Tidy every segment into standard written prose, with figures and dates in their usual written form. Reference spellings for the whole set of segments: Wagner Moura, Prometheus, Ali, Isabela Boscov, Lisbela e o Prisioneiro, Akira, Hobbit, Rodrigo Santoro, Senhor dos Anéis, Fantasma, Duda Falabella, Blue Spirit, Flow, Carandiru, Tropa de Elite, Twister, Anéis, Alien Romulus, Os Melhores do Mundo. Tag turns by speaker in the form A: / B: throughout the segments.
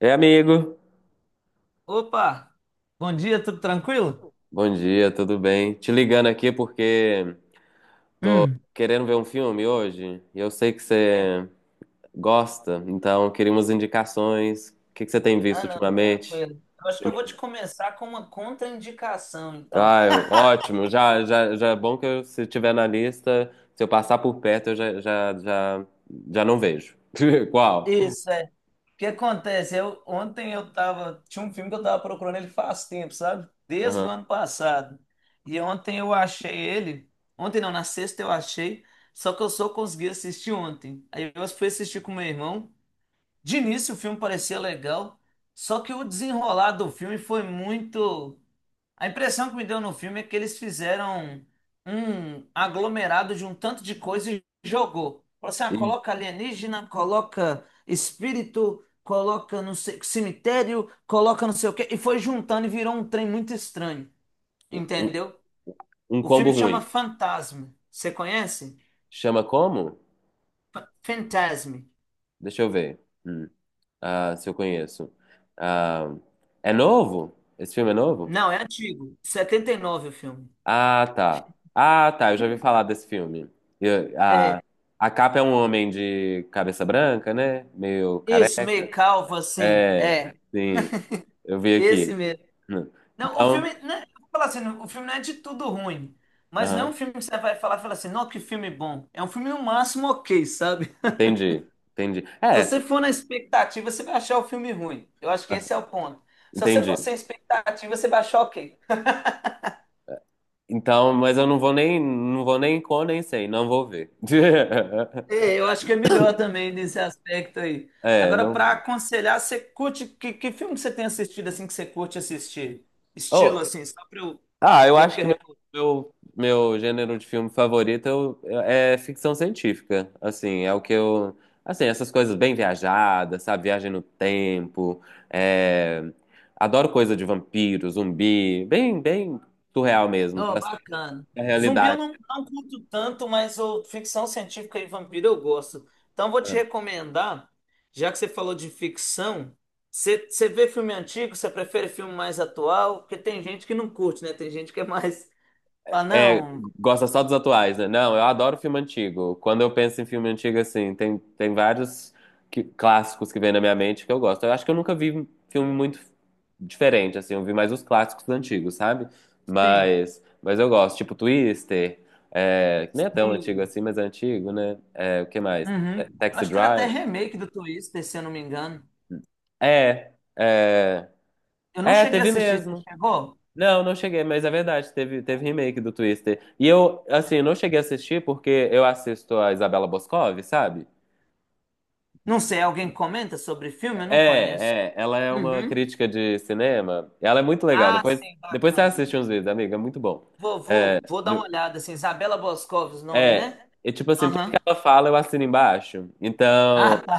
A: É, amigo.
B: Opa, bom dia, tudo tranquilo?
A: Bom dia, tudo bem? Te ligando aqui porque
B: Hum,
A: querendo ver um filme hoje, e eu sei que
B: É.
A: você gosta, então queria umas indicações. O que que você tem visto
B: Ah, não,
A: ultimamente?
B: tranquilo. Eu acho que eu vou te começar com uma contraindicação, então.
A: Ah, ótimo. Já, é bom que eu, se tiver na lista, se eu passar por perto, eu já não vejo. Qual?
B: Isso, é. O que acontece? Eu, ontem eu tava. Tinha um filme que eu tava procurando ele faz tempo, sabe? Desde o
A: Aham.
B: ano passado. E ontem eu achei ele. Ontem não, na sexta eu achei. Só que eu só consegui assistir ontem. Aí eu fui assistir com meu irmão. De início o filme parecia legal. Só que o desenrolar do filme foi muito. A impressão que me deu no filme é que eles fizeram um aglomerado de um tanto de coisa e jogou. Falou assim, ah,
A: Ih,
B: coloca alienígena, coloca espírito, coloca no cemitério, coloca não sei o quê, e foi juntando e virou um trem muito estranho,
A: Um,
B: entendeu?
A: um
B: O
A: combo
B: filme chama
A: ruim.
B: Fantasma. Você conhece?
A: Chama como?
B: Fantasme.
A: Deixa eu ver. Hum. Ah, se eu conheço. Ah, é novo? Esse filme é novo?
B: Não, é antigo. 79 o filme.
A: Ah, tá. Ah, tá. Eu já ouvi falar desse filme. Eu-
B: É,
A: a, a capa é um homem de cabeça branca, né? Meio careca.
B: isso, meio calvo assim. É,
A: É, sim. Eu vi
B: esse
A: aqui.
B: mesmo. Não, o
A: Então,
B: filme, né, eu vou falar assim, o filme não é de tudo ruim, mas não é
A: aham,
B: um filme que você vai falar e falar assim, não, que filme bom. É um filme no máximo ok, sabe?
A: entendi. Entendi.
B: Se
A: É,
B: você for na expectativa, você vai achar o filme ruim. Eu acho que
A: ah,
B: esse é o ponto. Se você
A: entendi.
B: for sem expectativa, você vai achar ok.
A: Então, mas eu não vou nem, não vou nem com, nem sem. Não vou ver.
B: É, eu acho que é melhor também nesse aspecto aí.
A: É,
B: Agora,
A: não.
B: para aconselhar, você curte, que filme que você tem assistido assim que você curte assistir? Estilo
A: Oh,
B: assim, só para eu
A: ah, eu
B: ver o
A: acho
B: que eu.
A: que meu gênero de filme favorito é ficção científica. Assim, é o que eu. Assim, essas coisas bem viajadas, sabe? Viagem no tempo. é, Adoro coisa de vampiro, zumbi. Bem, bem surreal mesmo,
B: Oh,
A: pra sair
B: bacana.
A: da
B: Zumbi eu
A: realidade.
B: não curto tanto, mas o ficção científica e vampiro eu gosto. Então vou te recomendar, já que você falou de ficção, você vê filme antigo, você prefere filme mais atual? Porque tem gente que não curte, né? Tem gente que é mais. Ah,
A: É,
B: não.
A: gosta só dos atuais, né? Não, eu adoro filme antigo. Quando eu penso em filme antigo, assim, tem vários clássicos que vêm na minha mente que eu gosto. Eu acho que eu nunca vi um filme muito diferente, assim, eu vi mais os clássicos dos antigos, sabe?
B: Sim,
A: Mas eu gosto, tipo Twister, que nem é tão antigo
B: sim.
A: assim, mas é antigo, né? É, o que mais?
B: Uhum.
A: É, Taxi
B: Acho que teve até
A: Drive.
B: remake do Twister, se eu não me engano.
A: É, é,
B: Eu não
A: é,
B: cheguei a
A: teve
B: assistir, você
A: mesmo.
B: chegou?
A: Não, não cheguei, mas é verdade, teve remake do Twister. E eu, assim, não cheguei a assistir porque eu assisto a Isabela Boscov, sabe?
B: Não sei, alguém comenta sobre filme? Eu não conheço.
A: É, ela é uma
B: Uhum.
A: crítica de cinema. Ela é muito legal.
B: Ah,
A: Depois,
B: sim,
A: depois você
B: bacana.
A: assiste uns vídeos, amiga, é muito bom.
B: Vou dar uma
A: No-
B: olhada, assim, Isabela Boscov, os nomes,
A: É,
B: né?
A: é tipo assim, tudo que
B: Aham.
A: ela fala eu assino embaixo. Então,
B: Ah, tá.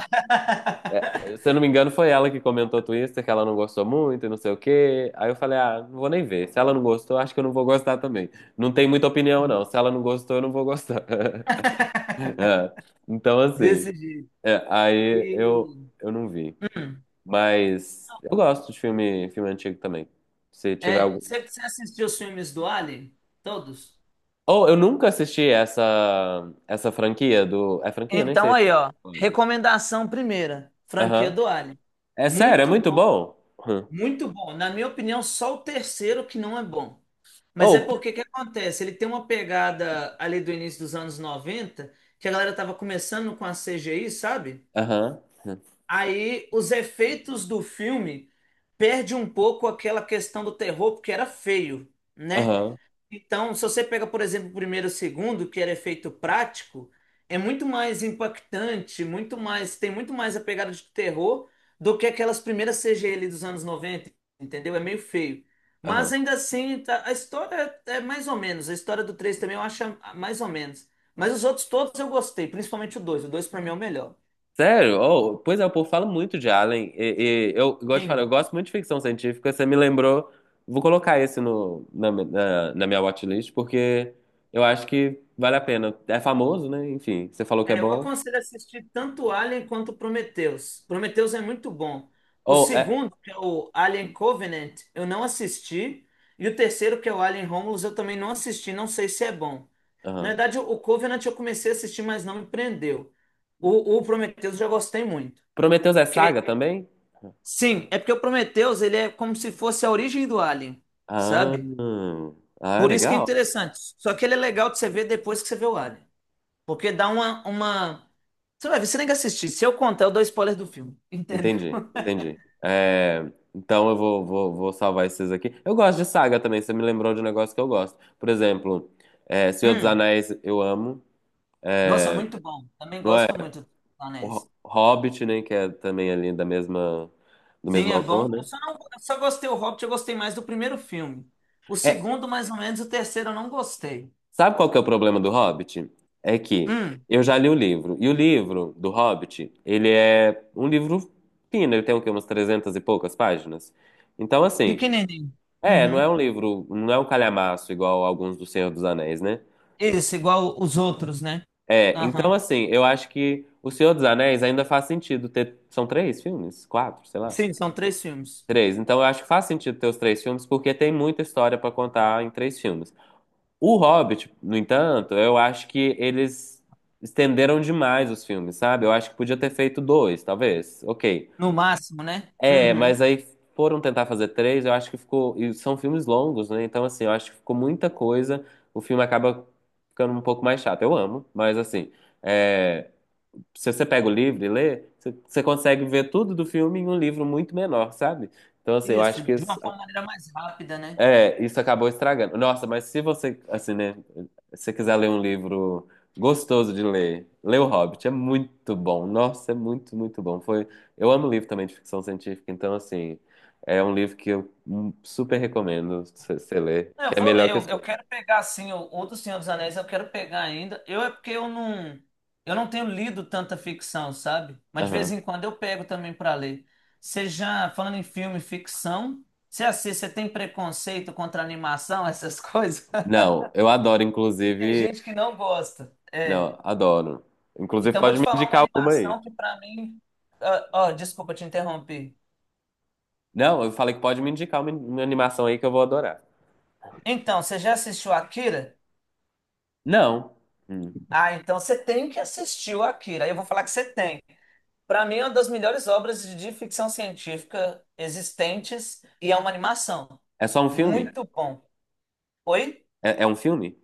A: se eu não me engano, foi ela que comentou Twister, que ela não gostou muito e não sei o quê. Aí eu falei, ah, não vou nem ver. Se ela não gostou, acho que eu não vou gostar também. Não tem muita opinião, não. Se ela não gostou, eu não vou gostar. É, então, assim,
B: Desse jeito.
A: aí eu,
B: E-
A: eu não vi.
B: Hum.
A: Mas eu gosto de filme, filme antigo também. Se tiver
B: É,
A: algum.
B: você assistiu os filmes do Ali? Todos?
A: Oh, eu nunca assisti essa franquia do. É franquia? Nem
B: Então
A: sei se
B: aí,
A: é.
B: ó. Recomendação primeira, franquia
A: Aham.
B: do Ali.
A: É sério, é
B: Muito
A: muito
B: bom,
A: bom? Hum.
B: muito bom. Na minha opinião, só o terceiro que não é bom. Mas é
A: Oh,
B: porque que acontece? Ele tem uma pegada ali do início dos anos 90, que a galera tava começando com a CGI, sabe?
A: aham.
B: Aí os efeitos do filme perde um pouco aquela questão do terror, porque era feio, né?
A: Aham.
B: Então, se você pega, por exemplo, o primeiro e o segundo, que era efeito prático, é muito mais impactante, muito mais, tem muito mais a pegada de terror do que aquelas primeiras CGI ali dos anos 90, entendeu? É meio feio. Mas
A: Aham.
B: ainda assim, a história é mais ou menos. A história do 3 também eu acho mais ou menos. Mas os outros todos eu gostei, principalmente o 2. O 2 pra mim é o melhor.
A: Sério? Oh, pois é, o povo fala muito de Alien. E eu gosto de falar, eu gosto muito de ficção científica. Você me lembrou. Vou colocar esse no, na, na, na minha watchlist, porque eu acho que vale a pena. É famoso, né? Enfim, você falou que é
B: É, eu
A: bom.
B: aconselho assistir tanto Alien quanto Prometheus. Prometheus é muito bom. O
A: Ou é.
B: segundo, que é o Alien Covenant, eu não assisti. E o terceiro, que é o Alien Romulus, eu também não assisti. Não sei se é bom. Na
A: Aham.
B: verdade, o Covenant eu comecei a assistir, mas não me prendeu. O Prometheus eu já gostei muito.
A: Prometheus é
B: Porque,
A: saga também?
B: sim, é porque o Prometheus ele é como se fosse a origem do Alien,
A: Ah,
B: sabe?
A: ah,
B: Por isso que é
A: legal.
B: interessante. Só que ele é legal de você ver depois que você vê o Alien. Porque dá uma... Você vai ver, você nem que assistir. Se eu contar, eu dou spoiler do filme. Entendeu?
A: Entendi, entendi. É, então eu vou salvar esses aqui. Eu gosto de saga também, você me lembrou de um negócio que eu gosto. Por exemplo, Senhor dos
B: Hum.
A: Anéis, eu amo.
B: Nossa,
A: É,
B: muito bom. Também
A: não é?
B: gosto muito dos
A: O
B: Anéis.
A: Hobbit, né? Que é também ali do
B: Sim,
A: mesmo
B: é
A: autor,
B: bom. Eu
A: né?
B: só não, eu só gostei o Hobbit, eu gostei mais do primeiro filme. O
A: É,
B: segundo, mais ou menos, o terceiro eu não gostei.
A: sabe qual que é o problema do Hobbit? É que
B: Hum,
A: eu já li o livro. E o livro do Hobbit, ele é um livro fino. Ele tem o quê? Umas 300 e poucas páginas. Então, assim,
B: pequenininho.
A: não é
B: Uhum.
A: um livro, não é um calhamaço igual alguns do Senhor dos Anéis, né?
B: Esse, igual os outros, né?
A: É, então,
B: Aham.
A: assim, eu acho que o Senhor dos Anéis ainda faz sentido ter... São três filmes? Quatro? Sei lá.
B: Sim, são três filmes.
A: Três. Então eu acho que faz sentido ter os três filmes, porque tem muita história pra contar em três filmes. O Hobbit, no entanto, eu acho que eles estenderam demais os filmes, sabe? Eu acho que podia ter feito dois, talvez. Ok.
B: No máximo, né?
A: É,
B: Uhum.
A: mas aí foram tentar fazer três, eu acho que ficou. E são filmes longos, né? Então, assim, eu acho que ficou muita coisa. O filme acaba ficando um pouco mais chato. Eu amo, mas assim. é, Se você pega o livro e lê, você consegue ver tudo do filme em um livro muito menor, sabe? Então, assim, eu
B: Isso,
A: acho que
B: de uma forma maneira mais rápida, né?
A: isso acabou estragando. Nossa, mas se você, assim, né, se você quiser ler um livro gostoso de ler, lê O Hobbit, é muito bom. Nossa, é muito, muito bom. Foi, eu amo livro também de ficção científica, então, assim, é um livro que eu super recomendo você ler, que
B: Eu
A: é
B: vou ler,
A: melhor que o
B: eu
A: seu.
B: quero pegar assim, o do Senhor dos Anéis eu quero pegar ainda. Eu é porque eu não tenho lido tanta ficção, sabe? Mas de vez
A: Aham.
B: em quando eu pego também para ler. Você já, falando em filme e ficção, você assiste, você tem preconceito contra animação, essas coisas?
A: Não, eu adoro,
B: E tem
A: inclusive,
B: gente que não gosta.
A: não, adoro. Inclusive,
B: Então vou
A: pode
B: te
A: me
B: falar uma
A: indicar alguma aí.
B: animação que para mim, desculpa te interromper.
A: Não, eu falei que pode me indicar uma animação aí que eu vou adorar.
B: Então, você já assistiu Akira?
A: Não, Hum.
B: Ah, então você tem que assistir o Akira. Aí eu vou falar que você tem. Para mim, é uma das melhores obras de ficção científica existentes e é uma animação.
A: É só um filme?
B: Muito bom. Oi?
A: É um filme?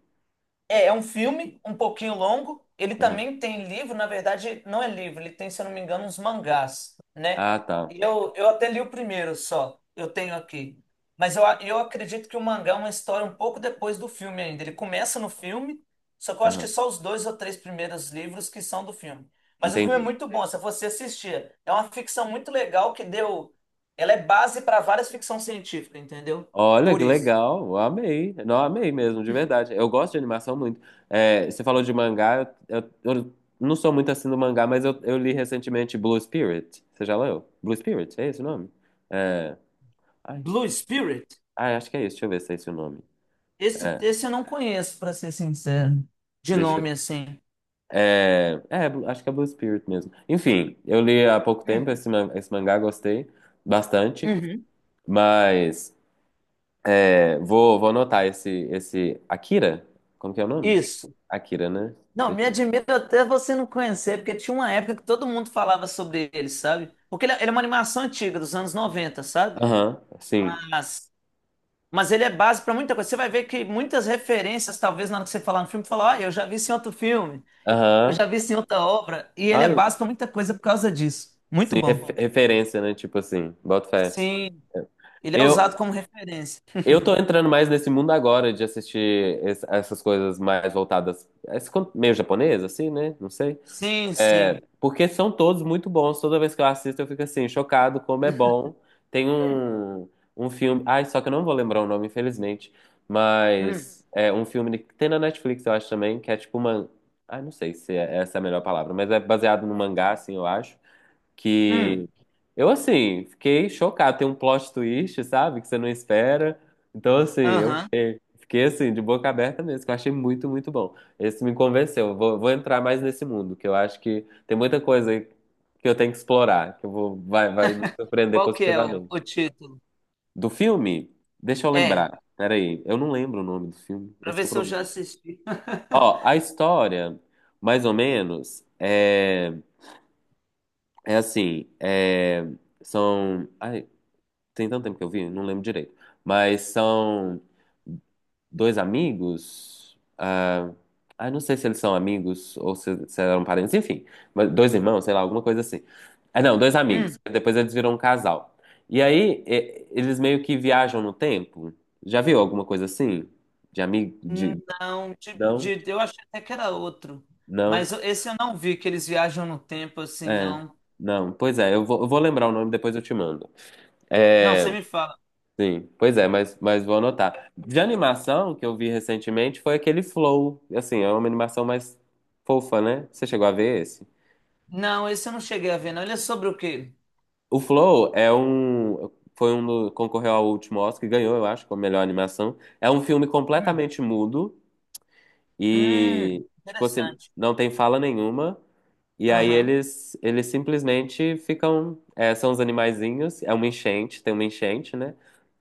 B: É, é um filme um pouquinho longo. Ele também tem livro, na verdade, não é livro, ele tem, se eu não me engano, uns mangás, né?
A: Ah, tá.
B: Eu até li o primeiro só, eu tenho aqui. Mas eu, eu acredito que o mangá é uma história um pouco depois do filme ainda. Ele começa no filme, só que eu acho que
A: Aham.
B: só os dois ou três primeiros livros que são do filme. Mas o filme é
A: Entendi.
B: muito bom, se você assistir. É uma ficção muito legal que deu. Ela é base para várias ficção científica, entendeu?
A: Olha
B: Por
A: que
B: isso.
A: legal, eu amei. Não, amei mesmo, de verdade. Eu gosto de animação muito. É, você falou de mangá, eu não sou muito assim do mangá, mas eu li recentemente Blue Spirit. Você já leu? Blue Spirit, é esse o nome? É, ai,
B: Blue Spirit?
A: ai, acho que é esse, deixa eu ver se é esse o nome.
B: Esse,
A: É,
B: esse eu não conheço, para ser sincero. De
A: deixa eu.
B: nome assim.
A: É, acho que é Blue Spirit mesmo. Enfim, eu li há pouco
B: Hum,
A: tempo esse mangá, gostei bastante,
B: Uhum.
A: mas. É, vou anotar esse, esse. Akira? Como que é o nome?
B: Isso.
A: Akira, né?
B: Não,
A: Deixa
B: me
A: eu-
B: admira até você não conhecer, porque tinha uma época que todo mundo falava sobre ele, sabe? Porque ele é uma animação antiga, dos anos 90, sabe?
A: Aham, sim.
B: Mas, mas ele é base para muita coisa. Você vai ver que muitas referências, talvez na hora que você falar no filme, falar, ah, eu já vi isso em outro filme, eu
A: Aham.
B: já vi isso em outra obra, e ele é
A: Ah,
B: base para muita coisa por causa disso. Muito
A: sim,
B: bom.
A: referência, né? Tipo assim, boto fé.
B: Sim, ele é
A: Eu,
B: usado como referência.
A: eu tô entrando mais nesse mundo agora de assistir essas coisas mais voltadas. Esse, meio japonês, assim, né? Não sei.
B: Sim,
A: É,
B: sim.
A: porque são todos muito bons. Toda vez que eu assisto, eu fico assim, chocado como é bom. Tem um filme. Ai, só que eu não vou lembrar o nome, infelizmente.
B: Hum,
A: Mas é um filme que tem na Netflix, eu acho também, que é tipo uma. Ai, não sei se é, essa é a melhor palavra, mas é baseado no mangá, assim, eu acho
B: hum.
A: que eu assim, fiquei chocado, tem um plot twist, sabe, que você não espera. Então assim, eu
B: Aham.
A: fiquei, assim de boca aberta mesmo, que eu achei muito, muito bom. Esse me convenceu. Eu vou entrar mais nesse mundo, que eu acho que tem muita coisa aí que eu tenho que explorar, que eu vai me surpreender
B: Qual que é o
A: positivamente.
B: título?
A: Do filme, deixa eu
B: É,
A: lembrar. Peraí, eu não lembro o nome do filme.
B: para
A: Esse é
B: ver
A: o
B: se eu já
A: problema.
B: assisti.
A: Ó, a história, mais ou menos, é, assim, são. Tem tanto tempo que eu vi, não lembro direito. Mas são dois amigos. Ah, ah, não sei se eles são amigos ou se eram parentes, enfim. Mas dois irmãos, sei lá, alguma coisa assim. Ah, não, dois amigos. Depois eles viram um casal. E aí, eles meio que viajam no tempo. Já viu alguma coisa assim? De amigo?
B: Hum,
A: De...
B: não,
A: Não?
B: de, eu achei até que era outro.
A: Não?
B: Esse eu não vi, que eles viajam no tempo assim,
A: É.
B: não.
A: Não. Pois é, eu vou lembrar o nome, depois eu te mando.
B: Não, você
A: É.
B: me fala.
A: Sim, pois é, mas vou anotar. De animação que eu vi recentemente foi aquele Flow. Assim, é uma animação mais fofa, né? Você chegou a ver esse?
B: Não, esse eu não cheguei a ver, não. Ele é sobre o quê?
A: O Flow é um. Foi um. Concorreu ao último Oscar e ganhou, eu acho, como melhor animação. É um filme
B: Hum,
A: completamente mudo
B: hum,
A: e, tipo assim,
B: interessante.
A: não tem fala nenhuma. E aí
B: Aham.
A: eles simplesmente ficam. São os animaizinhos. É uma enchente, tem uma enchente, né?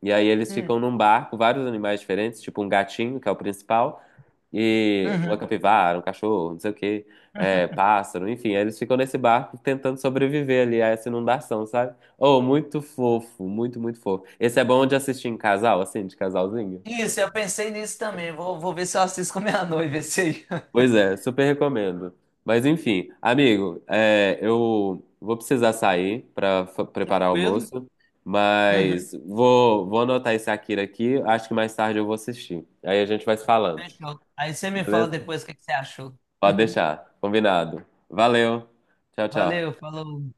A: E aí eles
B: hum,
A: ficam num barco, vários animais diferentes, tipo um gatinho, que é o principal. E
B: uhum.
A: uma capivara, um cachorro, não sei o quê, pássaro, enfim, aí eles ficam nesse barco tentando sobreviver ali a essa inundação, sabe? Oh, muito fofo, muito, muito fofo. Esse é bom de assistir em casal, assim, de casalzinho?
B: Isso, eu pensei nisso também. Vou ver se eu assisto com a minha noiva esse aí.
A: Pois é, super recomendo. Mas enfim, amigo, eu vou precisar sair para preparar o
B: Tranquilo?
A: almoço,
B: Uhum,
A: mas vou anotar esse Akira aqui, acho que mais tarde eu vou assistir. Aí a gente vai se falando,
B: fechou. Aí você me fala
A: beleza?
B: depois o que que você achou.
A: Pode deixar, combinado. Valeu, tchau,
B: Valeu,
A: tchau.
B: falou.